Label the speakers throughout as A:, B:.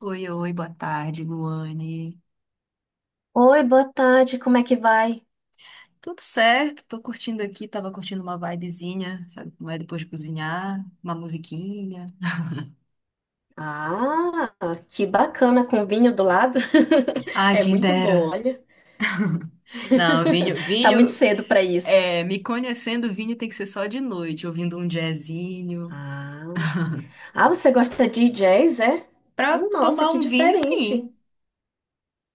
A: Oi, oi, boa tarde, Luane.
B: Oi, boa tarde, como é que vai?
A: Tudo certo? Tô curtindo aqui, tava curtindo uma vibezinha, sabe como é depois de cozinhar, uma musiquinha.
B: Ah, que bacana com vinho do lado.
A: Ai,
B: É
A: quem
B: muito bom,
A: dera.
B: olha.
A: Não, vinho,
B: Tá muito
A: vinho,
B: cedo pra isso.
A: é, me conhecendo, vinho tem que ser só de noite, ouvindo um jazzinho.
B: Ah, ah, você gosta de jazz, é?
A: Pra
B: Nossa,
A: tomar
B: que
A: um vinho,
B: diferente.
A: sim.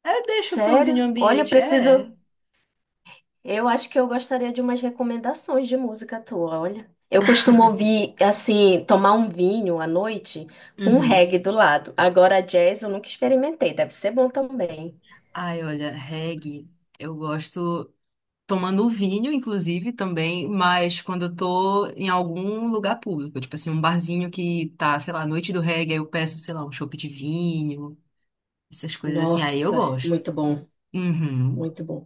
A: É, deixa o sonzinho
B: Sério? Olha, eu
A: ambiente, é.
B: preciso. Eu acho que eu gostaria de umas recomendações de música tua, olha. Eu costumo ouvir, assim, tomar um vinho à noite com um
A: Uhum.
B: reggae do lado. Agora, jazz eu nunca experimentei, deve ser bom também.
A: Ai, olha, reggae, eu gosto, tomando vinho, inclusive, também, mas quando eu tô em algum lugar público, tipo assim, um barzinho que tá, sei lá, noite do reggae, aí eu peço, sei lá, um chopp de vinho, essas coisas assim, aí eu
B: Nossa,
A: gosto.
B: muito bom.
A: Uhum.
B: Muito bom.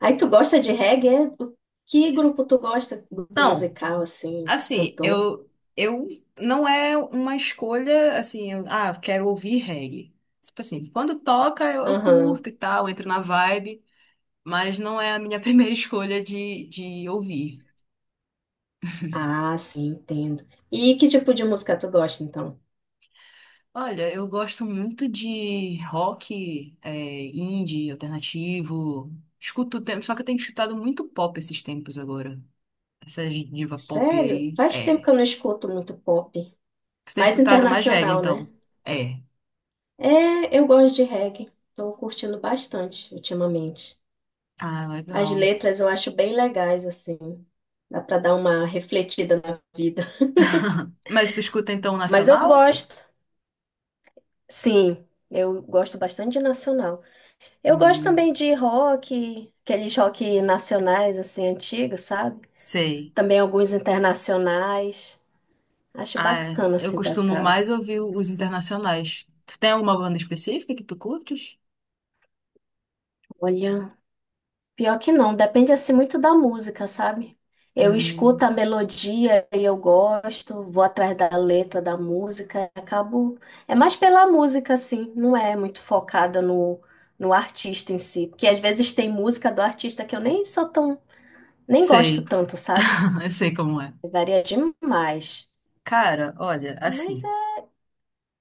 B: Aí tu gosta de reggae? É? Que grupo tu gosta? Grupo
A: Não,
B: musical, assim,
A: assim,
B: cantor?
A: eu não é uma escolha assim, ah, quero ouvir reggae. Tipo assim, quando toca eu
B: Aham.
A: curto e tal, entro na vibe, mas não é a minha primeira escolha de ouvir.
B: Ah, sim, entendo. E que tipo de música tu gosta, então?
A: Olha, eu gosto muito de rock, é, indie, alternativo. Escuto o tempo, só que eu tenho escutado muito pop esses tempos agora. Essas diva pop
B: Sério?
A: aí.
B: Faz tempo que
A: É.
B: eu não escuto muito pop.
A: Tu tem
B: Mais
A: escutado mais reggae,
B: internacional, né?
A: então? É.
B: É, eu gosto de reggae. Tô curtindo bastante ultimamente.
A: Ah,
B: As
A: legal.
B: letras eu acho bem legais, assim. Dá pra dar uma refletida na vida.
A: Mas tu escuta então o
B: Mas eu
A: nacional?
B: gosto, sim. Eu gosto bastante de nacional. Eu gosto
A: Hum,
B: também de rock, aqueles rock nacionais, assim, antigos, sabe?
A: sei.
B: Também alguns internacionais. Acho
A: Ah,
B: bacana,
A: eu
B: assim, pra
A: costumo
B: ficar.
A: mais ouvir os internacionais. Tu tem alguma banda específica que tu curtes?
B: Olha, pior que não, depende, assim, muito da música, sabe? Eu escuto
A: Hum,
B: a melodia e eu gosto, vou atrás da letra da música, acabo. É mais pela música, assim, não é muito focada no artista em si. Porque às vezes tem música do artista que eu nem sou tão, nem gosto
A: sei.
B: tanto, sabe?
A: Eu sei como é.
B: Varia demais.
A: Cara, olha,
B: Mas
A: assim.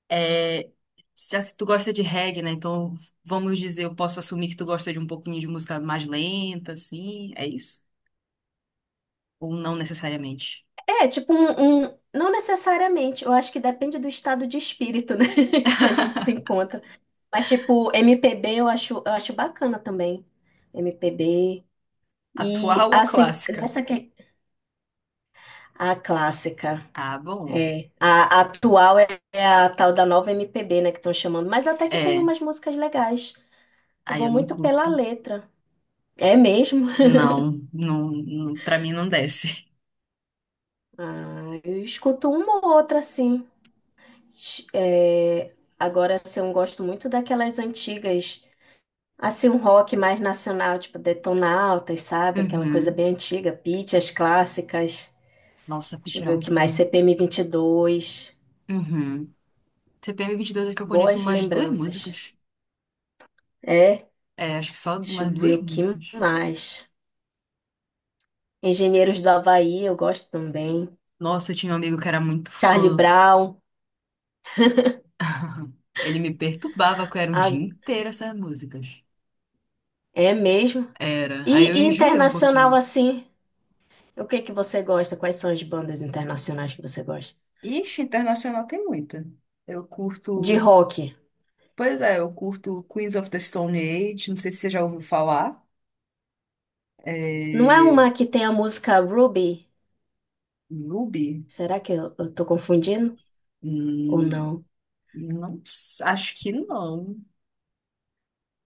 A: É, se tu gosta de reggae, né? Então, vamos dizer, eu posso assumir que tu gosta de um pouquinho de música mais lenta, assim, é isso? Ou não necessariamente?
B: é tipo não necessariamente, eu acho que depende do estado de espírito, né, que a gente se encontra. Mas tipo, MPB eu acho bacana também. MPB e
A: Atual ou
B: assim,
A: clássica?
B: nessa que a clássica,
A: Ah, bom.
B: é, a atual é a tal da nova MPB, né, que estão chamando, mas até que tem
A: É,
B: umas músicas legais. Eu
A: aí
B: vou
A: eu não
B: muito pela
A: curto.
B: letra. É mesmo.
A: Não, não, não, pra mim não desce.
B: Ah, eu escuto uma ou outra assim. É, agora, assim, eu gosto muito daquelas antigas, assim, um rock mais nacional, tipo Detonautas, sabe? Aquela coisa
A: Uhum.
B: bem antiga, Pitty, as clássicas.
A: Nossa,
B: Deixa
A: Pitch
B: eu
A: era
B: ver o que
A: muito
B: mais,
A: bom.
B: CPM dois,
A: Uhum. CPM22, é que eu conheço
B: boas
A: umas duas
B: lembranças.
A: músicas.
B: É,
A: É, acho que só
B: deixa eu
A: umas
B: ver
A: duas
B: o que
A: músicas.
B: mais. Engenheiros do Havaí, eu gosto também.
A: Nossa, eu tinha um amigo que era muito
B: Charlie
A: fã.
B: Brown,
A: Ele me perturbava, que era o
B: ah,
A: dia inteiro essas músicas.
B: é mesmo.
A: Era. Aí eu
B: E
A: enjoei um
B: internacional,
A: pouquinho.
B: assim, o que que você gosta? Quais são as bandas internacionais que você gosta?
A: Ixi, internacional tem muita. Eu
B: De
A: curto.
B: rock.
A: Pois é, eu curto Queens of the Stone Age, não sei se você já ouviu falar.
B: Não é
A: É.
B: uma que tem a música Ruby?
A: Ruby?
B: Será que eu tô confundindo? Ou
A: Hum,
B: não?
A: não, acho que não.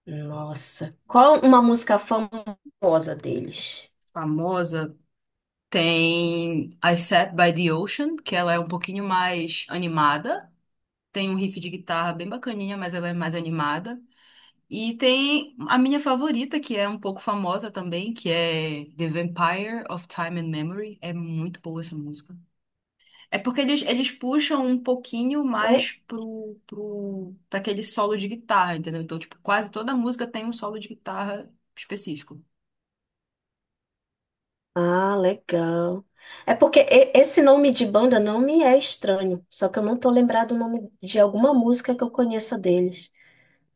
B: Nossa. Qual uma música famosa deles?
A: Famosa. Tem I Sat by the Ocean, que ela é um pouquinho mais animada. Tem um riff de guitarra bem bacaninha, mas ela é mais animada. E tem a minha favorita, que é um pouco famosa também, que é The Vampire of Time and Memory. É muito boa essa música. É porque eles puxam um pouquinho
B: É?
A: mais pra aquele solo de guitarra, entendeu? Então, tipo, quase toda música tem um solo de guitarra específico.
B: Ah, legal. É porque esse nome de banda não me é estranho, só que eu não tô lembrado o nome de alguma música que eu conheça deles.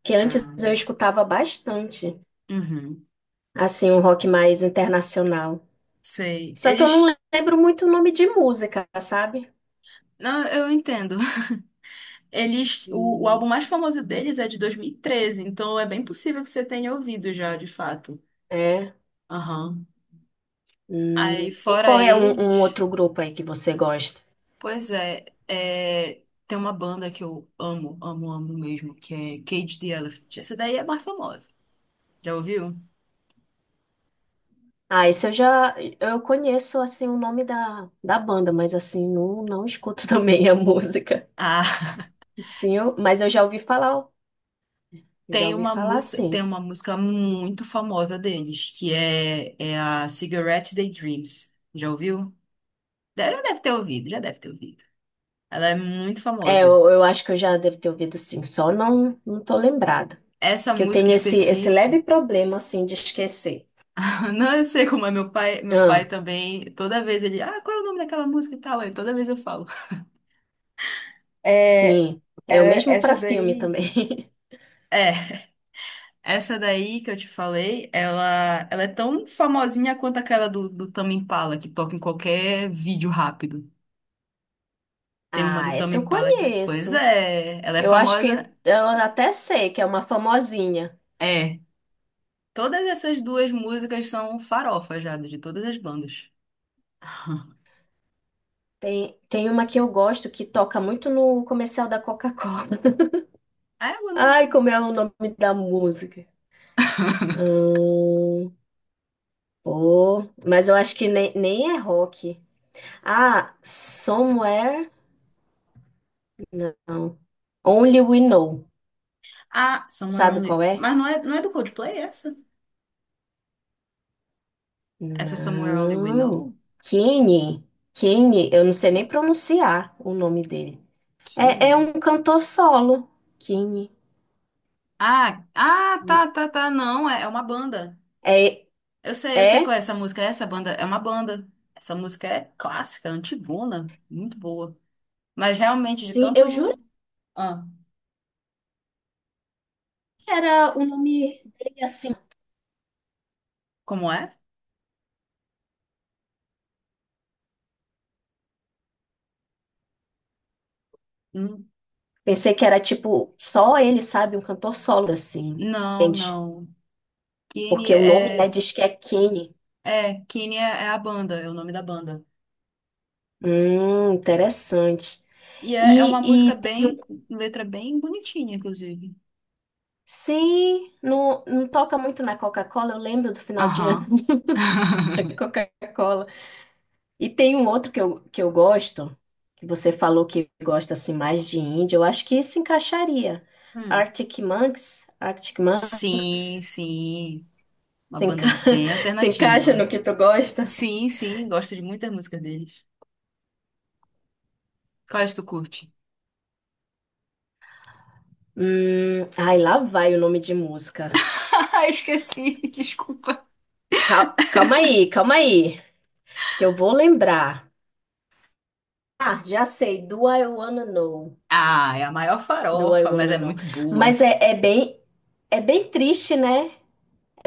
B: Que antes eu
A: Ah,
B: escutava bastante,
A: uhum,
B: assim, um rock mais internacional.
A: sei.
B: Só que eu não
A: Eles.
B: lembro muito o nome de música, sabe?
A: Não, eu entendo. Eles. O álbum
B: Hum.
A: mais famoso deles é de 2013, então é bem possível que você tenha ouvido já, de fato.
B: É.
A: Aham. Aí,
B: E
A: fora
B: qual é um
A: eles.
B: outro grupo aí que você gosta?
A: Pois é, tem uma banda que eu amo, amo, amo mesmo, que é Cage the Elephant. Essa daí é mais famosa. Já ouviu?
B: Ah, esse eu já eu conheço assim o nome da banda, mas assim não, não escuto também a música.
A: Ah,
B: Sim, eu- mas eu já ouvi falar, ó. Já
A: tem
B: ouvi
A: uma
B: falar,
A: música, tem
B: sim.
A: uma música muito famosa deles, que é a Cigarette Daydreams. Já ouviu? Já deve ter ouvido, já deve ter ouvido. Ela é muito
B: É,
A: famosa.
B: eu acho que eu já devo ter ouvido sim, só não tô lembrada.
A: Essa
B: Que eu
A: música
B: tenho esse
A: específica,
B: leve problema assim de esquecer.
A: não, eu sei como é. Meu pai
B: Ah,
A: também, toda vez ele, ah, qual é o nome daquela música e tal, aí toda vez eu falo. É,
B: sim. É o
A: é-
B: mesmo
A: essa
B: para filme
A: daí.
B: também.
A: É. Essa daí que eu te falei, ela é tão famosinha quanto aquela do Tame Impala, que toca em qualquer vídeo rápido. Tem uma do
B: Ah,
A: Tame
B: essa eu
A: Impala que é, pois
B: conheço.
A: é, ela é
B: Eu acho
A: famosa.
B: que eu até sei que é uma famosinha.
A: É, todas essas duas músicas são farofa já, de todas as bandas.
B: Tem, tem uma que eu gosto que toca muito no comercial da Coca-Cola.
A: Ah, eu não-
B: Ai, como é o nome da música? Hum, Pô, mas eu acho que nem, nem é rock. Ah, Somewhere? Não. Only We Know.
A: ah, Somewhere
B: Sabe
A: Only.
B: qual é?
A: Mas não é do Coldplay essa? Essa é Somewhere Only We
B: Não.
A: Know?
B: Kenny. Kenny, eu não sei nem pronunciar o nome dele. É,
A: Kimi?
B: é um cantor solo. Kenny.
A: Ah, ah, tá, tá, tá. Não, é uma banda.
B: É,
A: Eu sei qual
B: é?
A: é essa música. Essa banda é uma banda. Essa música é clássica, antigona, muito boa. Mas realmente, de
B: Sim, eu juro
A: tanto. Ah,
B: que era o nome dele assim.
A: como é? Hum,
B: Pensei que era tipo, só ele sabe, um cantor solo assim,
A: Não,
B: entende?
A: não. Kine
B: Porque o nome, né,
A: é.
B: diz que é Kenny.
A: É, Kine é a banda, é o nome da banda.
B: Interessante.
A: E é uma
B: E,
A: música
B: e
A: bem. Letra bem bonitinha, inclusive.
B: sim, não, não toca muito na Coca-Cola, eu lembro do final de ano
A: Aham.
B: da Coca-Cola. E tem um outro que eu gosto, que você falou que gosta assim mais de indie, eu acho que se encaixaria.
A: Hum.
B: Arctic Monkeys, Arctic
A: Sim,
B: Monkeys,
A: sim. Uma
B: se enca-
A: banda bem
B: se encaixa
A: alternativa.
B: no que tu gosta?
A: Sim, sim, gosto de muitas músicas deles. Quais tu curte?
B: Ai, lá vai o nome de música.
A: Ah, esqueci, desculpa.
B: Calma aí, que eu vou lembrar. Ah, já sei. Do I Wanna Know.
A: Ah, é a maior
B: Do I
A: farofa, mas
B: Wanna
A: é
B: Know.
A: muito
B: Mas
A: boa.
B: é, é bem triste, né?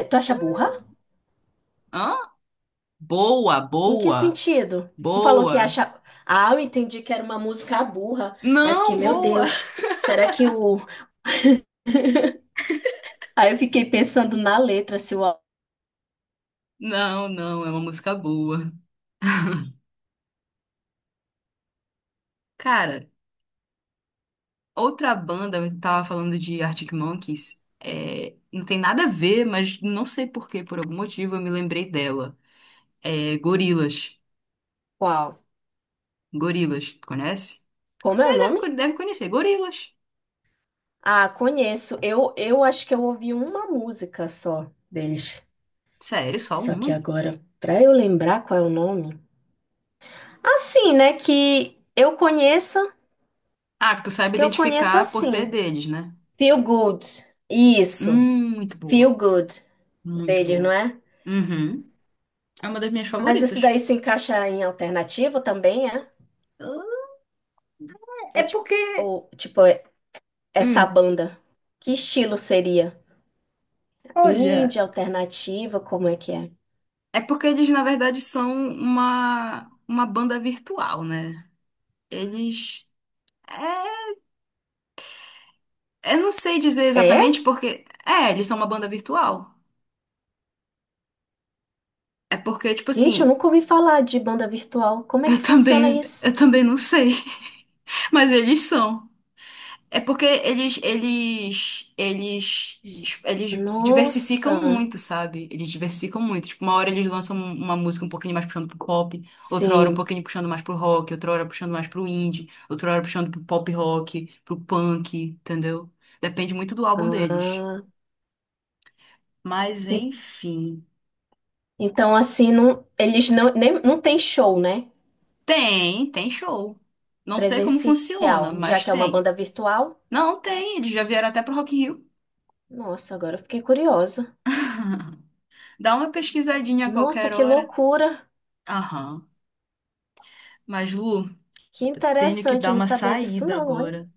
B: Tu acha burra?
A: Hã? Boa,
B: Em que
A: boa,
B: sentido? Tu falou que
A: boa.
B: acha. Ah, eu entendi que era uma música burra. Aí eu fiquei,
A: Não,
B: meu
A: boa.
B: Deus, será que o. Aí eu fiquei pensando na letra, se o.
A: Não, não, é uma música boa. Cara, outra banda, eu tava falando de Arctic Monkeys, é, não tem nada a ver, mas não sei por quê, por algum motivo eu me lembrei dela. É Gorillaz.
B: Qual?
A: Gorillaz, tu conhece? É,
B: Como é o nome?
A: Deve conhecer, Gorillaz.
B: Ah, conheço. Eu acho que eu ouvi uma música só deles.
A: Sério, só
B: Só
A: uma?
B: que agora, pra eu lembrar qual é o nome. Assim, né?
A: Ah, que tu sabe
B: Que eu conheça
A: identificar por ser
B: assim.
A: deles, né?
B: Feel Good. Isso.
A: Muito boa.
B: Feel Good
A: Muito
B: deles, não
A: boa.
B: é?
A: Uhum. É uma das minhas
B: Mas isso
A: favoritas.
B: daí se encaixa em alternativa também, é?
A: É
B: É tipo,
A: porque.
B: ou, tipo, essa
A: Hum,
B: banda. Que estilo seria?
A: Olha.
B: Indie, alternativa, como é que é?
A: É porque eles, na verdade, são uma banda virtual, né? Eles. É, eu não sei dizer
B: É?
A: exatamente porque. É, eles são uma banda virtual. É porque, tipo
B: Gente, eu
A: assim,
B: nunca ouvi falar de banda virtual. Como é que
A: eu
B: funciona
A: também, eu
B: isso?
A: também não sei. Mas eles são. É porque eles, eles, eles,
B: Gi-
A: eles
B: Nossa,
A: diversificam muito, sabe? Eles diversificam muito. Tipo, uma hora eles lançam uma música um pouquinho mais puxando pro pop, outra hora um
B: sim.
A: pouquinho puxando mais pro rock, outra hora puxando mais pro indie, outra hora puxando pro pop rock, pro punk, entendeu? Depende muito do álbum deles.
B: Ah.
A: Mas enfim.
B: Então, assim, não, eles não, nem, não tem show, né?
A: Tem show. Não sei como funciona,
B: Presencial, já
A: mas
B: que é uma
A: tem.
B: banda virtual.
A: Não, tem. Eles já vieram até pro Rock in Rio.
B: Nossa, agora eu fiquei curiosa.
A: Dá uma pesquisadinha a
B: Nossa,
A: qualquer
B: que
A: hora.
B: loucura!
A: Aham. Mas, Lu,
B: Que
A: tenho que
B: interessante,
A: dar
B: eu não
A: uma
B: sabia disso,
A: saída
B: não, olha.
A: agora.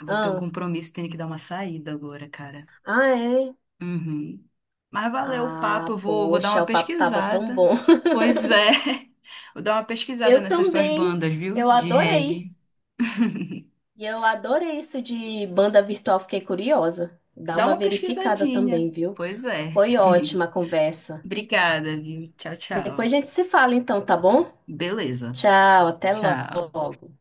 A: Eu vou ter um
B: Ah,
A: compromisso, tenho que dar uma saída agora, cara.
B: ah, é?
A: Uhum. Mas valeu o papo,
B: Ah,
A: eu vou dar
B: poxa,
A: uma
B: o papo tava tão
A: pesquisada.
B: bom.
A: Pois é, vou dar uma pesquisada
B: Eu
A: nessas tuas
B: também,
A: bandas, viu?
B: eu
A: De
B: adorei.
A: reggae.
B: E eu adorei isso de banda virtual, fiquei curiosa. Dá
A: Dá
B: uma
A: uma
B: verificada
A: pesquisadinha.
B: também, viu?
A: Pois é.
B: Foi ótima a conversa.
A: Obrigada, viu? Tchau,
B: Depois
A: tchau.
B: a gente se fala, então, tá bom?
A: Beleza.
B: Tchau, até
A: Tchau.
B: logo.